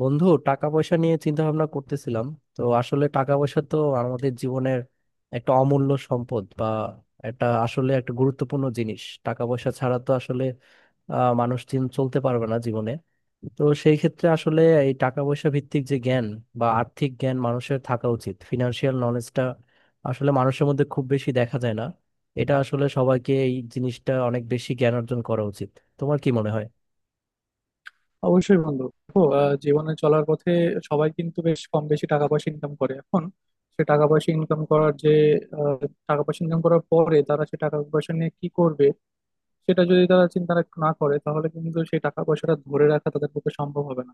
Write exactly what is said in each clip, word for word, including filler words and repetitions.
বন্ধু, টাকা পয়সা নিয়ে চিন্তা ভাবনা করতেছিলাম। তো আসলে টাকা পয়সা তো আমাদের জীবনের একটা অমূল্য সম্পদ বা একটা, আসলে একটা গুরুত্বপূর্ণ জিনিস। টাকা পয়সা ছাড়া তো আসলে আহ, মানুষ দিন চলতে পারবে না জীবনে। তো সেই ক্ষেত্রে আসলে এই টাকা পয়সা ভিত্তিক যে জ্ঞান বা আর্থিক জ্ঞান মানুষের থাকা উচিত, ফিনান্সিয়াল নলেজটা আসলে মানুষের মধ্যে খুব বেশি দেখা যায় না। এটা আসলে সবাইকে, এই জিনিসটা, অনেক বেশি জ্ঞান অর্জন করা উচিত। তোমার কি মনে হয়? অবশ্যই বন্ধু দেখো, আহ, জীবনে চলার পথে সবাই কিন্তু বেশ কম বেশি টাকা পয়সা ইনকাম করে এখন। সে টাকা পয়সা ইনকাম করার যে আহ, টাকা পয়সা ইনকাম করার পরে তারা সে টাকা পয়সা নিয়ে কি করবে সেটা যদি তারা চিন্তা রাখ- না করে তাহলে কিন্তু সেই টাকা পয়সাটা ধরে রাখা তাদের পক্ষে সম্ভব হবে না।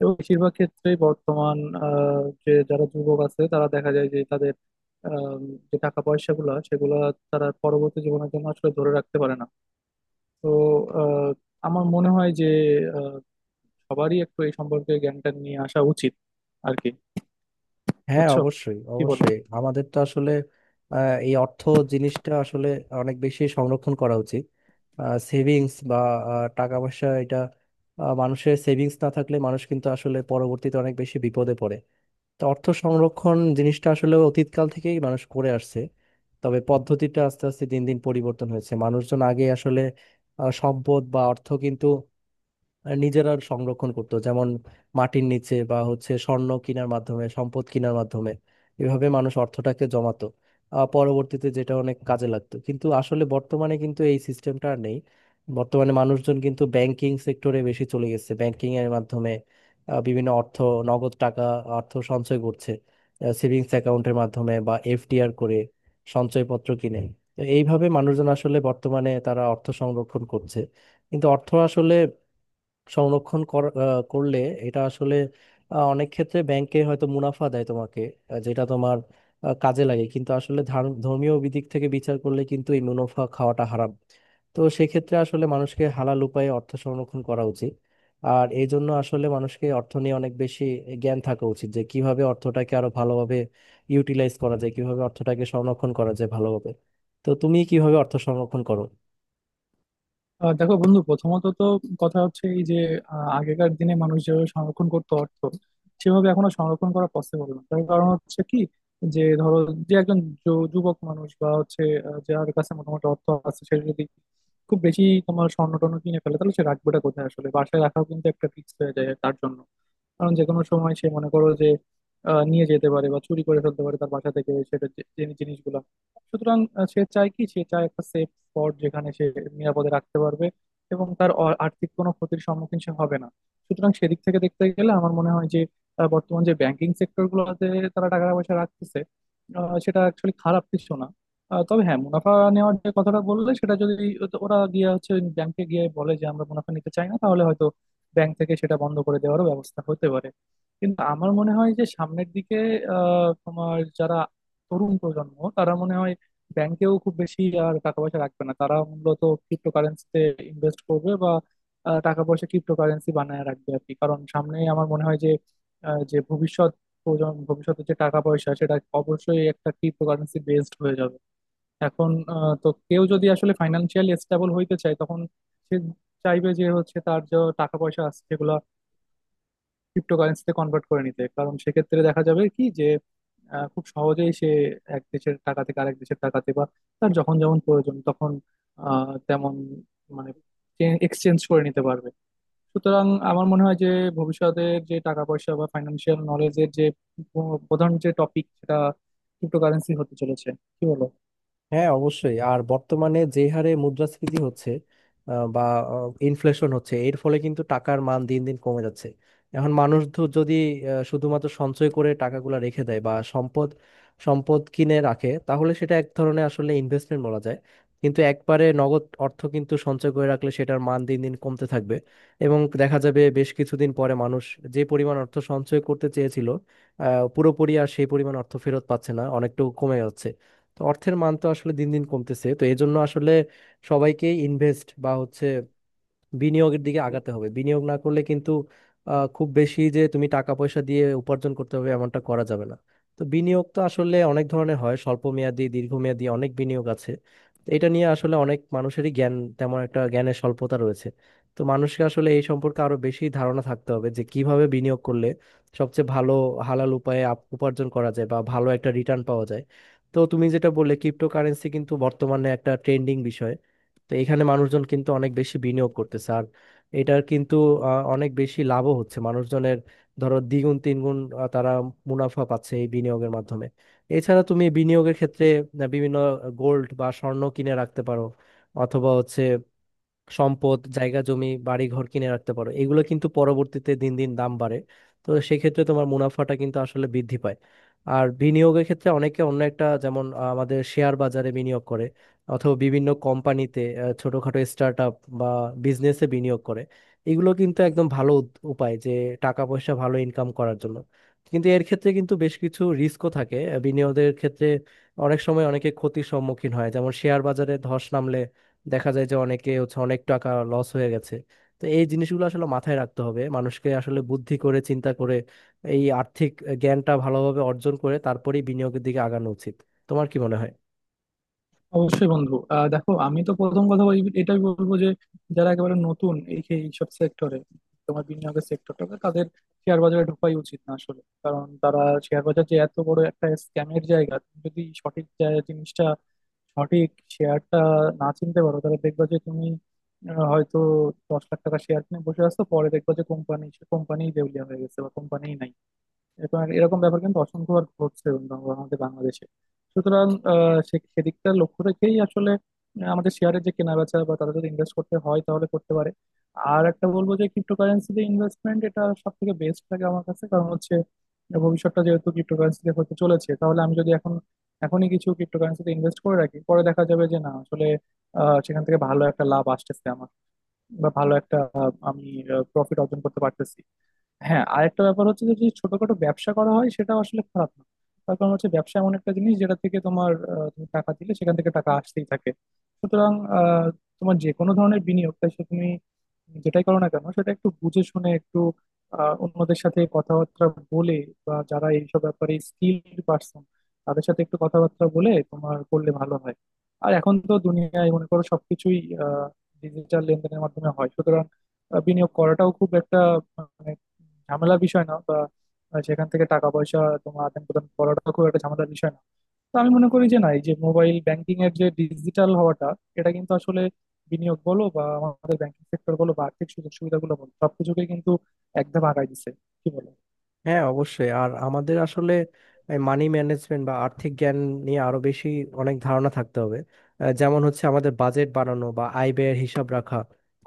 এবং বেশিরভাগ ক্ষেত্রেই বর্তমান আহ, যে যারা যুবক আছে তারা দেখা যায় যে তাদের আহ, যে টাকা পয়সাগুলো সেগুলো তারা পরবর্তী জীবনের জন্য আসলে ধরে রাখতে পারে না। তো আহ, আমার মনে হয় যে সবারই একটু এই সম্পর্কে জ্ঞানটা নিয়ে আসা উচিত আর কি। হ্যাঁ, বুঝছো? অবশ্যই কি বলো? অবশ্যই। আমাদের তো আসলে আহ, এই অর্থ জিনিসটা আসলে অনেক বেশি সংরক্ষণ করা উচিত। সেভিংস বা আহ, টাকা পয়সা, এটা আহ, মানুষের সেভিংস না থাকলে মানুষ কিন্তু আসলে পরবর্তীতে অনেক বেশি বিপদে পড়ে। তো অর্থ সংরক্ষণ জিনিসটা আসলে অতীতকাল থেকেই মানুষ করে আসছে। তবে পদ্ধতিটা আস্তে আস্তে দিন দিন পরিবর্তন হয়েছে। মানুষজন আগে আসলে আহ, সম্পদ বা অর্থ কিন্তু নিজেরা সংরক্ষণ করতো, যেমন মাটির নিচে বা হচ্ছে স্বর্ণ কেনার মাধ্যমে, সম্পদ কেনার মাধ্যমে এভাবে মানুষ অর্থটাকে জমাতো। আহ, পরবর্তীতে যেটা অনেক কাজে লাগতো, কিন্তু আসলে বর্তমানে কিন্তু এই সিস্টেমটা আর নেই। বর্তমানে মানুষজন কিন্তু ব্যাংকিং সেক্টরে বেশি চলে গেছে। ব্যাংকিং এর মাধ্যমে আহ, বিভিন্ন অর্থ, নগদ টাকা, অর্থ সঞ্চয় করছে সেভিংস অ্যাকাউন্টের মাধ্যমে, বা এফডিআর করে, সঞ্চয়পত্র কিনে। তো এইভাবে মানুষজন আসলে বর্তমানে তারা অর্থ সংরক্ষণ করছে। কিন্তু অর্থ আসলে সংরক্ষণ কর- আহ, করলে এটা আসলে আহ, অনেক ক্ষেত্রে ব্যাংকে হয়তো মুনাফা দেয় তোমাকে, আহ, যেটা তোমার আহ, কাজে লাগে। কিন্তু আসলে ধার- ধর্মীয় দিক থেকে বিচার করলে কিন্তু এই মুনাফা খাওয়াটা হারাম। তো সেক্ষেত্রে আসলে মানুষকে হালাল উপায়ে অর্থ সংরক্ষণ করা উচিত। আর এই জন্য আসলে মানুষকে অর্থ নিয়ে অনেক বেশি জ্ঞান থাকা উচিত, যে কিভাবে অর্থটাকে আরো ভালোভাবে ইউটিলাইজ করা যায়, কিভাবে অর্থটাকে সংরক্ষণ করা যায় ভালোভাবে। তো তুমি কিভাবে অর্থ সংরক্ষণ করো? আহ, দেখো বন্ধু, প্রথমত তো কথা হচ্ছে এই যে আহ, আগেকার দিনে মানুষ যেভাবে সংরক্ষণ করতো অর্থ, সেভাবে এখন আর সংরক্ষণ করা পসিবল না। তার কারণ হচ্ছে কি, যে ধরো যে একজন যু- যুবক মানুষ বা হচ্ছে আহ, যার কাছে মোটামুটি অর্থ আছে, সে যদি খুব বেশি তোমার স্বর্ণ টর্ণ কিনে ফেলে তাহলে সে রাখবেটা কোথায়? আসলে বাসায় রাখাও কিন্তু একটা ফিক্স হয়ে যায় তার জন্য। কারণ যে কোনো সময় সে, মনে করো যে, আহ, নিয়ে যেতে পারে বা চুরি করে ফেলতে পারে তার বাসা থেকে সেটা, যে- যে জিনিসগুলা। সুতরাং আহ, সে চায় কি, সে চায় একটা সেফ স্পট যেখানে সে নিরাপদে রাখতে পারবে এবং তার অ- আর্থিক কোনো ক্ষতির সম্মুখীন সে হবে না। সুতরাং সেদিক থেকে দেখতে গেলে আমার মনে হয় যে আহ, বর্তমান যে ব্যাংকিং সেক্টর গুলোতে তারা টাকা পয়সা রাখতেছে, আহ, সেটা অ্যাকচুয়ালি খারাপ কিছু না। আহ, তবে হ্যাঁ, মুনাফা নেওয়ার যে কথাটা বললে, সেটা যদি ওরা গিয়ে হচ্ছে ব্যাংকে গিয়ে বলে যে আমরা মুনাফা নিতে চাই না, তাহলে হয়তো ব্যাংক থেকে সেটা বন্ধ করে দেওয়ারও ব্যবস্থা হতে পারে। কিন্তু আমার মনে হয় যে সামনের দিকে আহ, তোমার যারা তরুণ প্রজন্ম, তারা মনে হয় ব্যাংকেও খুব বেশি আর টাকা পয়সা রাখবে না। তারা মূলত ক্রিপ্টোকারেন্সিতে ইনভেস্ট করবে বা আহ, টাকা পয়সা ক্রিপ্টোকারেন্সি বানায় রাখবে আর কি। কারণ সামনে আমার মনে হয় যে আহ, যে ভবিষ্যৎ প্রজন্ম, ভবিষ্যতে যে টাকা পয়সা সেটা অবশ্যই একটা ক্রিপ্টোকারেন্সি বেসড হয়ে যাবে। এখন আহ, তো কেউ যদি আসলে ফাইন্যান্সিয়ালি স্টেবল হইতে চায়, তখন সে চাইবে যে হচ্ছে তার যে টাকা পয়সা আছে সেগুলো ক্রিপ্টোকারেন্সিতে কনভার্ট করে নিতে। কারণ সেক্ষেত্রে দেখা যাবে কি যে আহ, খুব সহজেই সে এক দেশের টাকা থেকে আরেক দেশের টাকাতে, বা তার যখন যেমন প্রয়োজন তখন আহ, তেমন মানে এক্সচেঞ্জ করে নিতে পারবে। সুতরাং আমার মনে হয় যে ভবিষ্যতের যে টাকা পয়সা বা ফাইন্যান্সিয়াল নলেজের যে প- প্রধান যে টপিক সেটা ক্রিপ্টোকারেন্সি হতে চলেছে। কি বলো? হ্যাঁ, অবশ্যই। আর বর্তমানে যে হারে মুদ্রাস্ফীতি হচ্ছে, আহ, বা ইনফ্লেশন হচ্ছে, এর ফলে কিন্তু টাকার মান দিন দিন কমে যাচ্ছে। এখন মানুষ তো যদি আহ, শুধুমাত্র সঞ্চয় করে টাকাগুলো রেখে দেয়, বা সম্পদ সম্পদ কিনে রাখে, তাহলে সেটা এক ধরনের আসলে ইনভেস্টমেন্ট বলা যায়। কিন্তু একবারে নগদ অর্থ কিন্তু সঞ্চয় করে রাখলে সেটার মান দিন দিন কমতে থাকবে। এবং দেখা যাবে বেশ কিছুদিন পরে মানুষ যে পরিমাণ অর্থ সঞ্চয় করতে চেয়েছিল, আহ, পুরোপুরি আর সেই পরিমাণ অর্থ ফেরত পাচ্ছে না, অনেকটুকু কমে যাচ্ছে। তো অর্থের মান তো আসলে দিন দিন কমতেছে। তো এই জন্য আসলে সবাইকে ইনভেস্ট বা হচ্ছে বিনিয়োগের দিকে আগাতে হবে। বিনিয়োগ না করলে কিন্তু আহ, খুব বেশি যে তুমি টাকা পয়সা দিয়ে উপার্জন করতে হবে এমনটা করা যাবে না। তো বিনিয়োগ তো আসলে অনেক ধরনের হয়, স্বল্প মেয়াদি, দীর্ঘমেয়াদি, অনেক বিনিয়োগ আছে। তো এটা নিয়ে আসলে অনেক মানুষেরই জ্ঞান, তেমন একটা, জ্ঞানের স্বল্পতা রয়েছে। তো মানুষকে আসলে এই সম্পর্কে আরো বেশি ধারণা থাকতে হবে, যে কিভাবে বিনিয়োগ করলে সবচেয়ে ভালো হালাল উপায়ে আপ- উপার্জন করা যায়, বা ভালো একটা রিটার্ন পাওয়া যায়। তো তুমি যেটা বললে, ক্রিপ্টোকারেন্সি কিন্তু বর্তমানে একটা ট্রেন্ডিং বিষয়। তো এখানে মানুষজন কিন্তু অনেক বেশি বিনিয়োগ করতেছে। আর এটার কিন্তু আহ, অনেক বেশি লাভও হচ্ছে মানুষজনের। ধরো দ্বিগুণ তিনগুণ আহ, তারা মুনাফা পাচ্ছে এই বিনিয়োগের মাধ্যমে। এছাড়া তুমি বিনিয়োগের ক্ষেত্রে আহ, বিভিন্ন গোল্ড বা স্বর্ণ কিনে রাখতে পারো, অথবা হচ্ছে সম্পদ, জায়গা, জমি, বাড়ি ঘর কিনে রাখতে পারো। এগুলো কিন্তু পরবর্তীতে দিন দিন দাম বাড়ে। তো সেক্ষেত্রে তোমার মুনাফাটা কিন্তু আসলে বৃদ্ধি পায়। আর বিনিয়োগের ক্ষেত্রে অনেকে অন্য একটা, যেমন আহ, আমাদের শেয়ার বাজারে বিনিয়োগ করে, অথবা বিভিন্ন কোম্পানিতে আহ, ছোটখাটো স্টার্ট আপ বা বিজনেসে বিনিয়োগ করে। এগুলো কিন্তু একদম ভালো উদ- উপায় যে টাকা পয়সা ভালো ইনকাম করার জন্য। কিন্তু এর ক্ষেত্রে কিন্তু বেশ কিছু রিস্কও থাকে আহ, বিনিয়োগের ক্ষেত্রে। অনেক সময় অনেকে ক্ষতির সম্মুখীন হয়, যেমন শেয়ার বাজারে ধস নামলে দেখা যায় যে অনেকে হচ্ছে অনেক টাকা লস হয়ে গেছে। তো এই জিনিসগুলো আসলে মাথায় রাখতে হবে। মানুষকে আসলে বুদ্ধি করে, চিন্তা করে, এই আর্থিক জ্ঞানটা ভালোভাবে অর্জন করে তারপরেই বিনিয়োগের দিকে আগানো উচিত। তোমার কি মনে হয়? অবশ্যই বন্ধু, আহ দেখো, আমি তো প্রথম কথা বলি এটাই বলবো যে যারা একেবারে নতুন এই এইসব সেক্টরে, তোমার বিনিয়োগের সেক্টরটাতে, তাদের শেয়ার বাজারে ঢোকাই উচিত না আসলে। কারণ তারা শেয়ার বাজার যে এত বড় একটা স্ক্যামের জায়গা, তুমি যদি সঠিক জায়- জিনিসটা, সঠিক শেয়ারটা না চিনতে পারো তাহলে দেখবা যে তুমি আহ, হয়তো দশ লাখ টাকা শেয়ার কিনে বসে আসছো, পরে দেখবা যে কোম্পানি কোম্পানি দেউলিয়া হয়ে গেছে বা কোম্পানি নাই। এবং এরকম ব্যাপার কিন্তু অসংখ্যবার ঘটছে বন্ধু আমাদের বাংলাদেশে। সুতরাং আহ, সে- সেদিকটা লক্ষ্য রেখেই আসলে আহ, আমাদের শেয়ারের যে কেনা বেচা, বা তারা যদি ইনভেস্ট করতে হয় তাহলে করতে পারে। আর একটা বলবো যে ক্রিপ্টোকারেন্সিতে ইনভেস্টমেন্ট, এটা সব থেকে বেস্ট লাগে আমার কাছে। কারণ হচ্ছে ভবিষ্যৎটা যেহেতু ক্রিপ্টোকারেন্সিতে হতে চলেছে, তাহলে আমি যদি এখন এখনই কিছু ক্রিপ্টোকারেন্সিতে ইনভেস্ট করে রাখি, পরে দেখা যাবে যে না আসলে আহ, সেখান থেকে ভালো একটা লাভ আসতেছে আমার, বা ভালো একটা আহ, আমি প্রফিট অর্জন করতে পারতেছি। হ্যাঁ, আরেকটা ব্যাপার হচ্ছে যে যদি ছোটখাটো ব্যবসা করা হয় সেটা আসলে খারাপ না। তার কারণ হচ্ছে ব্যবসা এমন একটা জিনিস যেটা থেকে তোমার আহ, তুমি টাকা দিলে সেখান থেকে টাকা আসতেই থাকে। সুতরাং আহ, তোমার যে কোনো ধরনের বিনিয়োগ, তাই সে তুমি যেটাই করো না কেন, সেটা একটু বুঝে শুনে, একটু আহ, অন্যদের সাথে কথাবার্তা বলে বা যারা এইসব ব্যাপারে স্কিল পার্সন তাদের সাথে একটু কথাবার্তা বলে তোমার করলে ভালো হয়। আর এখন তো দুনিয়ায় মনে করো সবকিছুই ডিজিটাল লেনদেনের মাধ্যমে হয়। সুতরাং আহ, বিনিয়োগ করাটাও খুব একটা মানে ঝামেলার বিষয় না, বা সেখান থেকে টাকা পয়সা তোমার আদান প্রদান করাটা খুব একটা ঝামেলার বিষয় না। তো আমি মনে করি যে না, এই যে মোবাইল ব্যাংকিং এর যে ডিজিটাল হওয়াটা, এটা কিন্তু আসলে বিনিয়োগ বলো বা আমাদের ব্যাংকিং সেক্টর বলো বা আর্থিক সুযোগ সুবিধাগুলো বলো, সবকিছুকে কিন্তু এক ধাপ আগায় দিচ্ছে। কি বলো? হ্যাঁ, অবশ্যই। আর আমাদের আসলে মানি ম্যানেজমেন্ট বা আর্থিক জ্ঞান নিয়ে আরো বেশি, অনেক ধারণা থাকতে হবে। আহ, যেমন হচ্ছে আমাদের বাজেট বানানো, বা আয় ব্যয়ের হিসাব রাখা,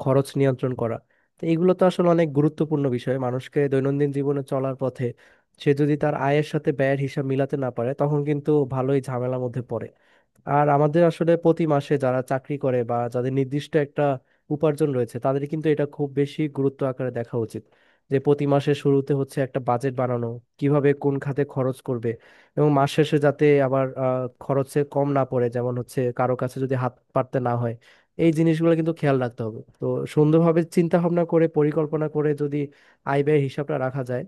খরচ নিয়ন্ত্রণ করা। তো এগুলো তো আসলে অনেক গুরুত্বপূর্ণ বিষয় মানুষকে দৈনন্দিন জীবনে চলার পথে। সে যদি তার আয়ের সাথে ব্যয়ের হিসাব মিলাতে না পারে তখন কিন্তু ভালোই ঝামেলার মধ্যে পড়ে। আর আমাদের আসলে প্রতি মাসে যারা চাকরি করে, বা যাদের নির্দিষ্ট একটা উপার্জন রয়েছে, তাদের কিন্তু এটা খুব বেশি গুরুত্ব আকারে দেখা উচিত। যে প্রতি মাসের শুরুতে হচ্ছে একটা বাজেট বানানো, কিভাবে কোন খাতে খরচ করবে, এবং মাস শেষে যাতে আবার আহ, খরচে কম না পড়ে, যেমন হচ্ছে কারো কাছে যদি হাত পাততে না হয়। এই জিনিসগুলো কিন্তু খেয়াল রাখতে হবে। তো সুন্দরভাবে চিন্তা ভাবনা করে, পরিকল্পনা করে যদি আয় ব্যয় হিসাবটা রাখা যায়,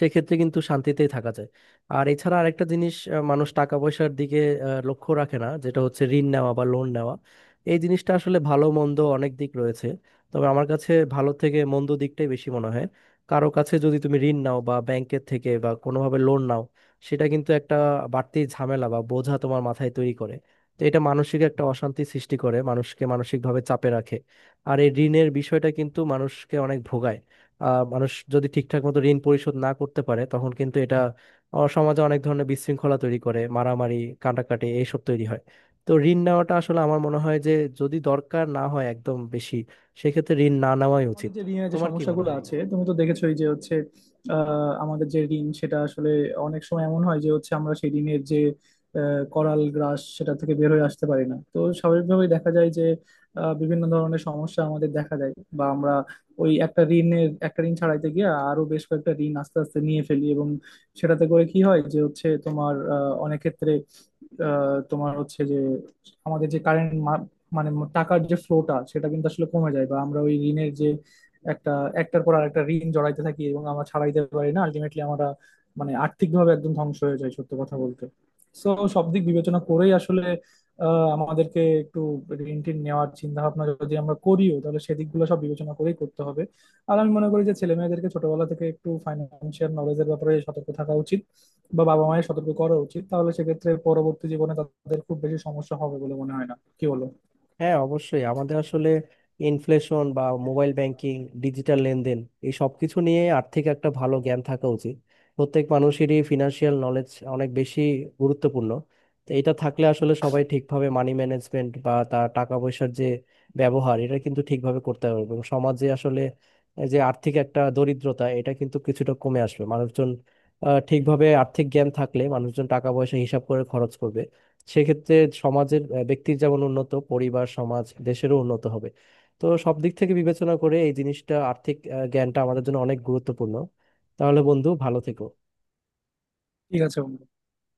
সেক্ষেত্রে কিন্তু শান্তিতেই থাকা যায়। আর এছাড়া আরেকটা জিনিস, আহ, মানুষ টাকা পয়সার দিকে আহ, লক্ষ্য রাখে না, যেটা হচ্ছে ঋণ নেওয়া বা লোন নেওয়া। এই জিনিসটা আসলে ভালো মন্দ অনেক দিক রয়েছে, তবে আমার কাছে ভালো থেকে মন্দ দিকটাই বেশি মনে হয়। কারো কাছে যদি তুমি ঋণ নাও, বা ব্যাংকের থেকে বা কোনোভাবে লোন নাও, সেটা কিন্তু একটা বাড়তি ঝামেলা বা বোঝা তোমার মাথায় তৈরি করে। তো এটা মানসিক একটা অশান্তি সৃষ্টি করে, মানুষকে মানসিকভাবে চাপে রাখে। আর এই ঋণের বিষয়টা কিন্তু মানুষকে অনেক ভোগায়। আহ, মানুষ যদি ঠিকঠাক মতো ঋণ পরিশোধ না করতে পারে, তখন কিন্তু এটা আহ, সমাজে অনেক ধরনের বিশৃঙ্খলা তৈরি করে, মারামারি কাটাকাটি এইসব তৈরি হয়। তো ঋণ নেওয়াটা আসলে আমার মনে হয় যে যদি দরকার না হয় একদম বেশি, সেক্ষেত্রে ঋণ না নেওয়াই আমাদের উচিত। যে ঋণের যে তোমার কি মনে সমস্যাগুলো হয় আছে এখানে? তুমি তো দেখেছোই যে হচ্ছে আহ, আমাদের যে ঋণ সেটা আসলে অনেক সময় এমন হয় যে হচ্ছে আমরা সেই ঋণের যে আহ, করাল গ্রাস সেটা থেকে বের হয়ে আসতে পারি না। তো স্বাভাবিকভাবেই দেখা যায় যে আহ, বিভিন্ন ধরনের সমস্যা আমাদের দেখা দেয়, বা আমরা ওই একটা ঋণের একটা ঋণ ছাড়াইতে গিয়ে আরো বেশ কয়েকটা ঋণ আস্তে আস্তে নিয়ে ফেলি। এবং সেটাতে করে কি হয় যে হচ্ছে তোমার আহ, অনেক ক্ষেত্রে আহ, তোমার হচ্ছে যে আমাদের যে কারেন্ট মানে টাকার যে ফ্লোটা সেটা কিন্তু আসলে কমে যায়, বা আমরা ওই ঋণের যে একটা একটার পর আরেকটা ঋণ জড়াইতে থাকি এবং আমরা ছাড়াইতে পারি না। আলটিমেটলি আমরা মানে আর্থিকভাবে একদম ধ্বংস হয়ে যায় সত্য কথা বলতে। তো সব দিক বিবেচনা করেই আসলে আহ, আমাদেরকে একটু ঋণ টিন নেওয়ার চিন্তা ভাবনা যদি আমরা করিও তাহলে সেদিকগুলো সব বিবেচনা করেই করতে হবে। আর আমি মনে করি যে ছেলে মেয়েদেরকে ছোটবেলা থেকে একটু ফাইন্যান্সিয়াল নলেজের ব্যাপারে সতর্ক থাকা উচিত বা বাবা মায়ের সতর্ক করা উচিত, তাহলে সেক্ষেত্রে পরবর্তী জীবনে তাদের খুব বেশি সমস্যা হবে বলে মনে হয় না। কি বলো? হ্যাঁ, অবশ্যই। আমাদের আসলে ইনফ্লেশন বা মোবাইল ব্যাংকিং, ডিজিটাল লেনদেন, এই সব কিছু নিয়ে আর্থিক একটা ভালো জ্ঞান থাকা উচিত। প্রত্যেক মানুষেরই ফিনান্সিয়াল নলেজ অনেক বেশি গুরুত্বপূর্ণ। তো এটা থাকলে আসলে সবাই ঠিকভাবে মানি ম্যানেজমেন্ট, বা তার টাকা পয়সার যে ব্যবহার, এটা কিন্তু ঠিকভাবে করতে পারবে। এবং সমাজে আসলে এই যে আর্থিক একটা দরিদ্রতা, এটা কিন্তু কিছুটা কমে আসবে। মানুষজন আহ, ঠিকভাবে আর্থিক জ্ঞান থাকলে মানুষজন টাকা পয়সা হিসাব করে খরচ করবে। সেক্ষেত্রে সমাজের আহ, ব্যক্তির যেমন উন্নত, পরিবার, সমাজ, দেশেরও উন্নত হবে। তো সব দিক থেকে বিবেচনা করে এই জিনিসটা, আর্থিক আহ, জ্ঞানটা আমাদের জন্য অনেক গুরুত্বপূর্ণ। তাহলে বন্ধু ভালো থেকো। ঠিক আছে বন্ধু।